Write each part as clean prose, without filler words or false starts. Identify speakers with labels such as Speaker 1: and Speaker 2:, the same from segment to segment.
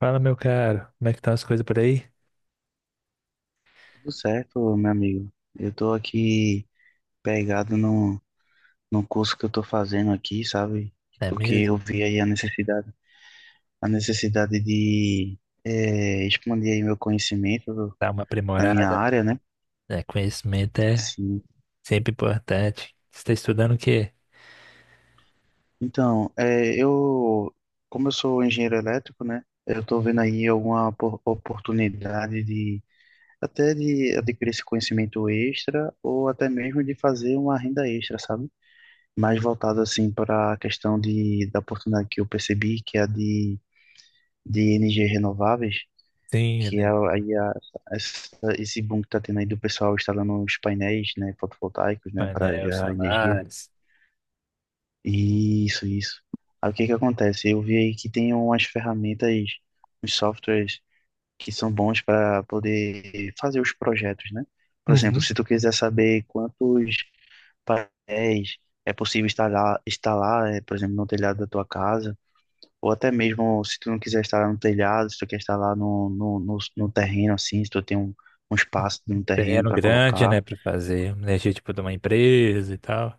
Speaker 1: Fala, meu caro, como é que estão as coisas por aí?
Speaker 2: Tudo certo, meu amigo. Eu tô aqui pegado no curso que eu tô fazendo aqui, sabe?
Speaker 1: É
Speaker 2: Porque
Speaker 1: mesmo?
Speaker 2: eu vi aí a necessidade de expandir aí meu conhecimento
Speaker 1: Dá uma
Speaker 2: na minha
Speaker 1: aprimorada, né?
Speaker 2: área, né?
Speaker 1: É, conhecimento é
Speaker 2: Sim.
Speaker 1: sempre importante. Você está estudando o quê?
Speaker 2: Então, como eu sou engenheiro elétrico, né? Eu tô vendo aí alguma oportunidade de até de adquirir esse conhecimento extra ou até mesmo de fazer uma renda extra, sabe? Mais voltado assim para a questão da oportunidade que eu percebi, que é a de energias renováveis,
Speaker 1: Sim,
Speaker 2: que é
Speaker 1: né?
Speaker 2: aí esse boom que está tendo aí do pessoal instalando os painéis, né, fotovoltaicos, né, para
Speaker 1: Painel
Speaker 2: gerar energia.
Speaker 1: solares.
Speaker 2: Isso, isso. Aí o que que acontece? Eu vi aí que tem umas ferramentas, uns softwares que são bons para poder fazer os projetos, né? Por exemplo,
Speaker 1: Uhum.
Speaker 2: se tu quiser saber quantos painéis é possível instalar, por exemplo, no telhado da tua casa. Ou até mesmo se tu não quiser instalar no telhado, se tu quer instalar no terreno, assim, se tu tem um, um espaço no terreno
Speaker 1: Terreno
Speaker 2: para
Speaker 1: grande,
Speaker 2: colocar.
Speaker 1: né, para fazer uma energia tipo de uma empresa e tal.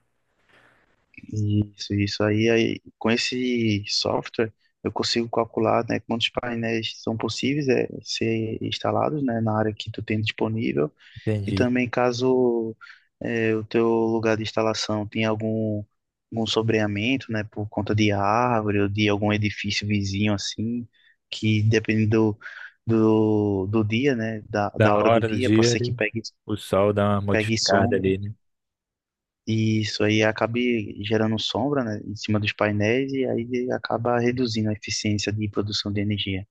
Speaker 2: Isso aí. Aí, com esse software, eu consigo calcular, né, quantos painéis são possíveis ser instalados, né, na área que tu tem disponível. E
Speaker 1: Entendi.
Speaker 2: também caso o teu lugar de instalação tenha algum, algum sobreamento, né, por conta de árvore ou de algum edifício vizinho assim, que dependendo do do dia, né, da,
Speaker 1: Da
Speaker 2: da hora do
Speaker 1: hora do
Speaker 2: dia, pode
Speaker 1: dia,
Speaker 2: ser que
Speaker 1: ali, o sol dá uma
Speaker 2: pegue
Speaker 1: modificada
Speaker 2: sombra.
Speaker 1: ali, né?
Speaker 2: E isso aí acabe gerando sombra, né, em cima dos painéis e aí acaba reduzindo a eficiência de produção de energia.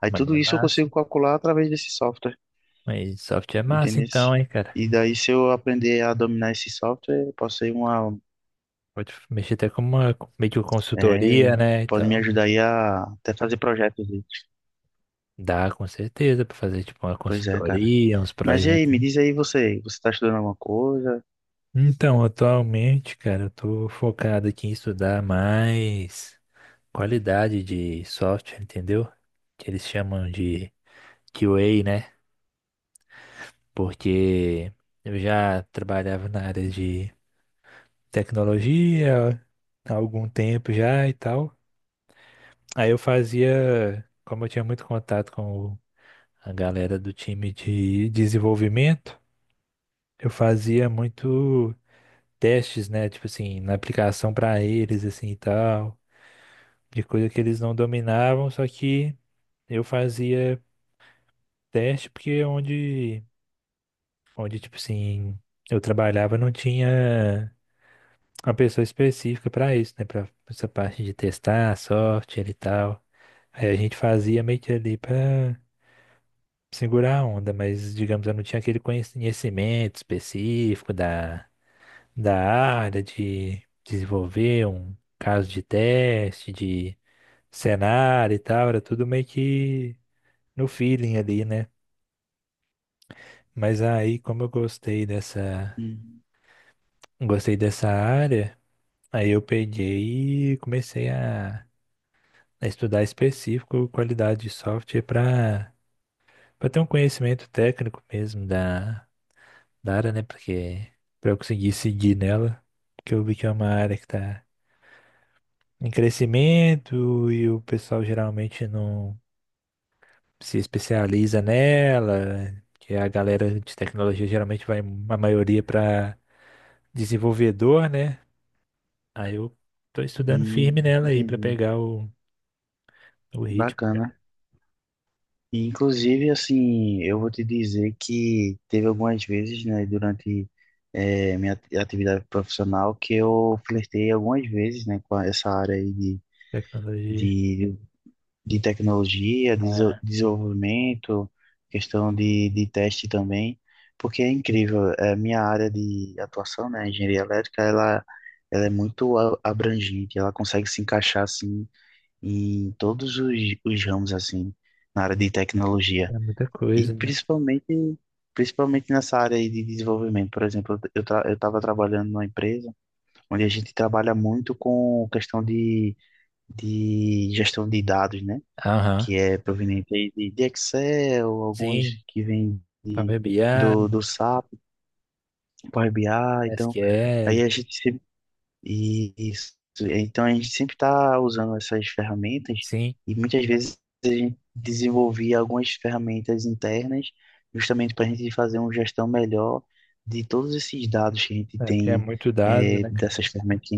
Speaker 2: Aí
Speaker 1: Mas
Speaker 2: tudo
Speaker 1: é
Speaker 2: isso eu consigo
Speaker 1: massa.
Speaker 2: calcular através desse software.
Speaker 1: Mas software é massa então,
Speaker 2: Entendesse?
Speaker 1: hein, cara?
Speaker 2: E daí, se eu aprender a dominar esse software, eu posso ser uma.
Speaker 1: Pode mexer até com uma meio que
Speaker 2: É,
Speaker 1: consultoria, né, e
Speaker 2: pode me
Speaker 1: tal.
Speaker 2: ajudar aí a até fazer projetos aí.
Speaker 1: Dá com certeza pra fazer tipo uma
Speaker 2: Pois é, cara.
Speaker 1: consultoria, uns
Speaker 2: Mas e aí,
Speaker 1: projetos.
Speaker 2: me diz aí você, você tá estudando alguma coisa?
Speaker 1: Então, atualmente, cara, eu tô focado aqui em estudar mais qualidade de software, entendeu? Que eles chamam de QA, né? Porque eu já trabalhava na área de tecnologia há algum tempo já e tal. Aí eu fazia, como eu tinha muito contato com a galera do time de desenvolvimento, eu fazia muito testes, né? Tipo assim, na aplicação pra eles, assim e tal, de coisa que eles não dominavam, só que eu fazia teste porque é onde tipo assim, eu trabalhava não tinha uma pessoa específica pra isso, né? Pra essa parte de testar, software e tal. Aí a gente fazia meio que ali pra segurar a onda, mas digamos, eu não tinha aquele conhecimento específico da área de desenvolver um caso de teste, de cenário e tal, era tudo meio que no feeling ali, né? Mas aí, como eu gostei dessa,
Speaker 2: Hum,
Speaker 1: gostei dessa área, aí eu peguei e comecei a estudar específico qualidade de software para ter um conhecimento técnico mesmo da área, né? Porque para eu conseguir seguir nela, porque eu vi que é uma área que está em crescimento e o pessoal geralmente não se especializa nela, que a galera de tecnologia geralmente vai, a maioria, para desenvolvedor, né? Aí eu tô estudando firme nela aí para
Speaker 2: entendi.
Speaker 1: pegar o ritmo,
Speaker 2: Bacana.
Speaker 1: cara.
Speaker 2: E, inclusive, assim, eu vou te dizer que teve algumas vezes, né, durante minha atividade profissional que eu flertei algumas vezes, né, com essa área aí
Speaker 1: Tecnologia.
Speaker 2: de de tecnologia,
Speaker 1: Ah,
Speaker 2: desenvolvimento, questão de teste também, porque é incrível, é, minha área de atuação, né, engenharia elétrica, ela é muito abrangente, ela consegue se encaixar, assim, em todos os ramos, assim, na área de tecnologia,
Speaker 1: é muita
Speaker 2: e
Speaker 1: coisa, né?
Speaker 2: principalmente, principalmente nessa área aí de desenvolvimento. Por exemplo, eu estava trabalhando numa empresa onde a gente trabalha muito com questão de gestão de dados, né,
Speaker 1: Aham.
Speaker 2: que é proveniente aí de Excel, alguns
Speaker 1: Sim,
Speaker 2: que vêm
Speaker 1: Power BI,
Speaker 2: do SAP, Power BI, então aí a
Speaker 1: SQL,
Speaker 2: gente sempre, e, isso, então a gente sempre está usando essas ferramentas
Speaker 1: sim.
Speaker 2: e muitas vezes a gente desenvolvia algumas ferramentas internas justamente para a gente fazer uma gestão melhor de todos esses dados que a gente
Speaker 1: É porque é
Speaker 2: tem
Speaker 1: muito dado, né, cara?
Speaker 2: dessas ferramentas,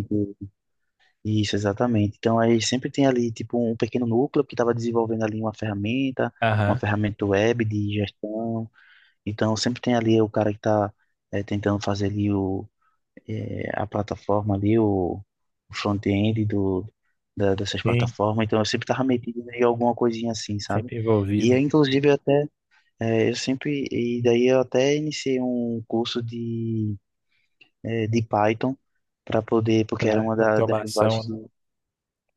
Speaker 2: isso, exatamente. Então, aí sempre tem ali, tipo, um pequeno núcleo que estava desenvolvendo ali uma
Speaker 1: Aham,
Speaker 2: ferramenta web de gestão. Então, sempre tem ali o cara que está tentando fazer ali a plataforma ali, o front-end dessas
Speaker 1: sim,
Speaker 2: plataformas. Então, eu sempre estava metido em alguma coisinha assim, sabe?
Speaker 1: sempre
Speaker 2: E, aí,
Speaker 1: envolvido.
Speaker 2: inclusive, eu até, eh, eu sempre, e daí eu até iniciei um curso de, de Python para poder, porque era
Speaker 1: Pá,
Speaker 2: uma das
Speaker 1: Automação,
Speaker 2: linguagens
Speaker 1: né?
Speaker 2: que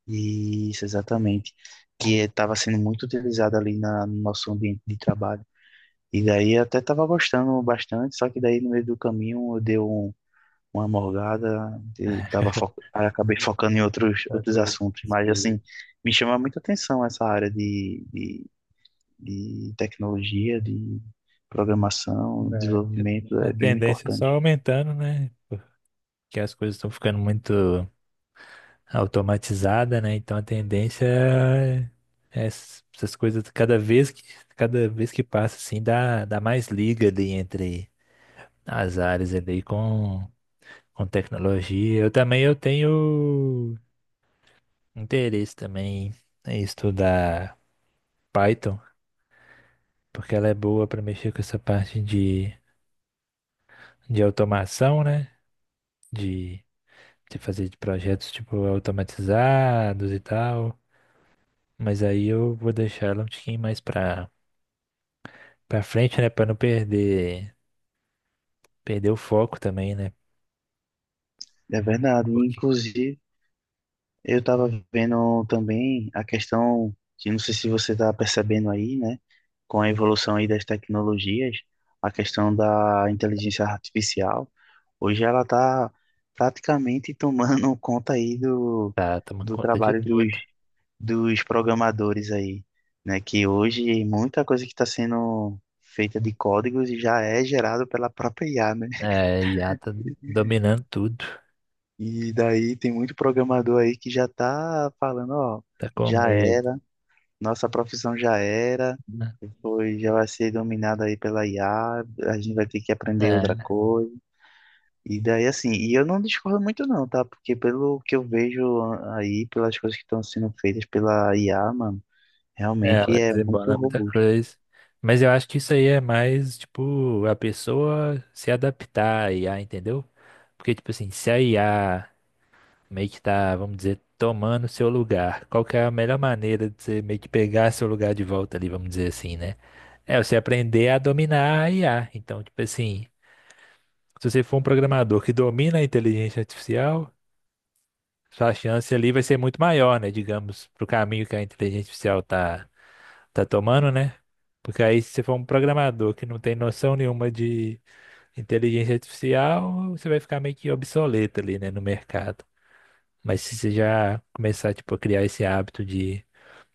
Speaker 2: isso, exatamente. Que estava sendo muito utilizado ali na, no nosso ambiente de trabalho. E daí eu até estava gostando bastante, só que daí no meio do caminho eu dei uma morgada, e tava fo aí acabei focando em outros,
Speaker 1: Essa
Speaker 2: outros
Speaker 1: coisa.
Speaker 2: assuntos.
Speaker 1: essa
Speaker 2: Mas assim,
Speaker 1: coisa.
Speaker 2: me chama muita atenção essa área de tecnologia, de programação,
Speaker 1: É,
Speaker 2: desenvolvimento,
Speaker 1: a
Speaker 2: é bem
Speaker 1: tendência é só
Speaker 2: importante.
Speaker 1: aumentando, né? Que as coisas estão ficando muito automatizadas, né? Então a tendência é essas coisas cada vez que passa assim dá mais liga ali entre as áreas ali com tecnologia. Eu também eu tenho interesse também em estudar Python, porque ela é boa para mexer com essa parte de automação, né? De, de fazer de projetos tipo automatizados e tal. Mas aí eu vou deixar ela um tiquinho mais pra frente, né? Pra não perder o foco também, né?
Speaker 2: É verdade.
Speaker 1: Porque
Speaker 2: Inclusive, eu tava vendo também a questão que não sei se você tá percebendo aí, né, com a evolução aí das tecnologias, a questão da inteligência artificial. Hoje ela tá praticamente tomando conta aí do,
Speaker 1: tá tomando
Speaker 2: do
Speaker 1: conta de
Speaker 2: trabalho dos,
Speaker 1: tudo.
Speaker 2: dos programadores aí, né, que hoje muita coisa que está sendo feita de códigos já é gerado pela própria IA, né?
Speaker 1: É, a IA tá dominando tudo.
Speaker 2: E daí tem muito programador aí que já tá falando, ó,
Speaker 1: Tá com
Speaker 2: já
Speaker 1: medo,
Speaker 2: era. Nossa profissão já era,
Speaker 1: né?
Speaker 2: foi, já vai ser dominada aí pela IA, a gente vai ter que aprender outra
Speaker 1: É,
Speaker 2: coisa. E daí assim, e eu não discordo muito não, tá? Porque pelo que eu vejo aí, pelas coisas que estão sendo feitas pela IA, mano,
Speaker 1: é,
Speaker 2: realmente
Speaker 1: ela
Speaker 2: é muito
Speaker 1: desembola muita
Speaker 2: robusto.
Speaker 1: coisa. Mas eu acho que isso aí é mais, tipo, a pessoa se adaptar à I a, entendeu? Porque, tipo assim, se a IA meio que tá, vamos dizer, tomando seu lugar. Qual que é a melhor maneira de você meio que pegar seu lugar de volta ali, vamos dizer assim, né? É você aprender a dominar a IA. Então, tipo assim, se você for um programador que domina a inteligência artificial, sua chance ali vai ser muito maior, né? Digamos, pro caminho que a inteligência artificial tá tomando, né? Porque aí, se você for um programador que não tem noção nenhuma de inteligência artificial, você vai ficar meio que obsoleto ali, né, no mercado. Mas se você já começar, tipo, a criar esse hábito de,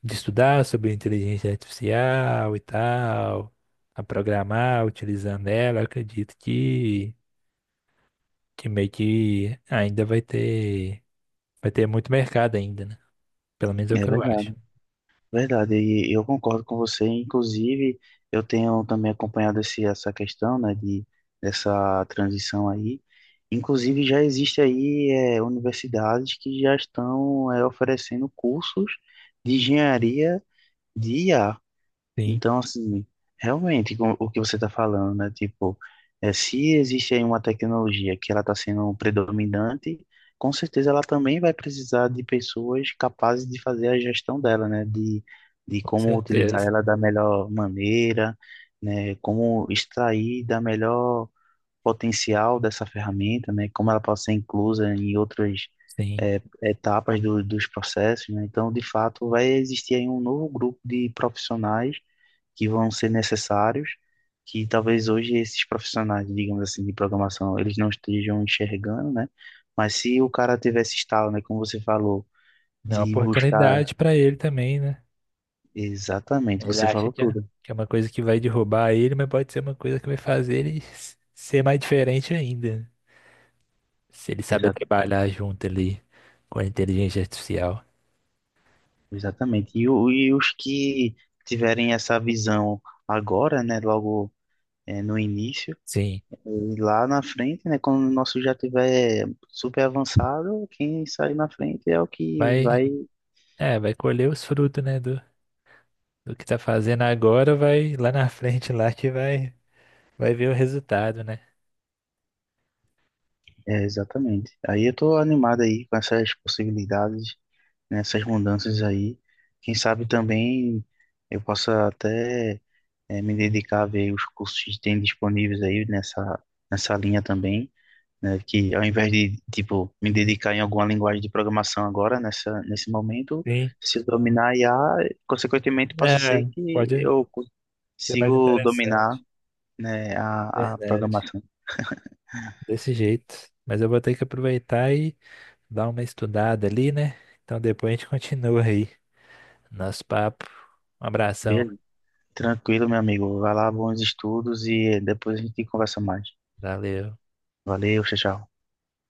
Speaker 1: de estudar sobre inteligência artificial e tal, a programar utilizando ela, eu acredito que meio que ainda vai ter muito mercado ainda, né? Pelo menos é o
Speaker 2: É
Speaker 1: que eu acho.
Speaker 2: verdade. Verdade, e eu concordo com você. Inclusive, eu tenho também acompanhado essa questão, né, de, dessa transição aí. Inclusive, já existe aí é, universidades que já estão é, oferecendo cursos de engenharia de IA.
Speaker 1: Sim,
Speaker 2: Então, assim, realmente, com o que você está falando, né? Tipo, é, se existe aí uma tecnologia que ela está sendo predominante, com certeza ela também vai precisar de pessoas capazes de fazer a gestão dela, né? De
Speaker 1: com
Speaker 2: como utilizar
Speaker 1: certeza.
Speaker 2: ela da melhor maneira, né? Como extrair da melhor potencial dessa ferramenta, né? Como ela pode ser inclusa em outras
Speaker 1: Sim.
Speaker 2: é, etapas do, dos processos, né? Então, de fato, vai existir aí um novo grupo de profissionais que vão ser necessários, que talvez hoje esses profissionais, digamos assim, de programação, eles não estejam enxergando, né? Mas se o cara tivesse estalo, né, como você falou,
Speaker 1: É uma
Speaker 2: de buscar
Speaker 1: oportunidade para ele também, né?
Speaker 2: exatamente,
Speaker 1: Ele
Speaker 2: você
Speaker 1: acha
Speaker 2: falou
Speaker 1: que é,
Speaker 2: tudo,
Speaker 1: que é uma coisa que vai derrubar ele, mas pode ser uma coisa que vai fazer ele ser mais diferente ainda, né? Se ele saber
Speaker 2: exa
Speaker 1: trabalhar junto ali com a inteligência artificial.
Speaker 2: exatamente. E, e os que tiverem essa visão agora, né, logo no início,
Speaker 1: Sim.
Speaker 2: e lá na frente, né, quando o nosso já tiver super avançado, quem sai na frente é o que
Speaker 1: Vai,
Speaker 2: vai.
Speaker 1: é, vai colher os frutos, né, do que tá fazendo agora, vai lá na frente lá que vai ver o resultado, né?
Speaker 2: É, exatamente. Aí eu tô animado aí com essas possibilidades, né, essas mudanças aí. Quem sabe também eu possa até me dedicar a ver os cursos que tem disponíveis aí nessa, nessa linha também, né, que ao invés de, tipo, me dedicar em alguma linguagem de programação agora, nessa, nesse momento,
Speaker 1: Sim.
Speaker 2: se eu dominar I a consequentemente possa
Speaker 1: É,
Speaker 2: ser que
Speaker 1: pode
Speaker 2: eu
Speaker 1: ser mais
Speaker 2: consigo dominar,
Speaker 1: interessante.
Speaker 2: né, a
Speaker 1: Verdade.
Speaker 2: programação.
Speaker 1: Desse jeito. Mas eu vou ter que aproveitar e dar uma estudada ali, né? Então depois a gente continua aí. Nosso papo. Um abração.
Speaker 2: Beleza. Tranquilo, meu amigo. Vai lá, bons estudos e depois a gente conversa mais.
Speaker 1: Valeu.
Speaker 2: Valeu, tchau, tchau.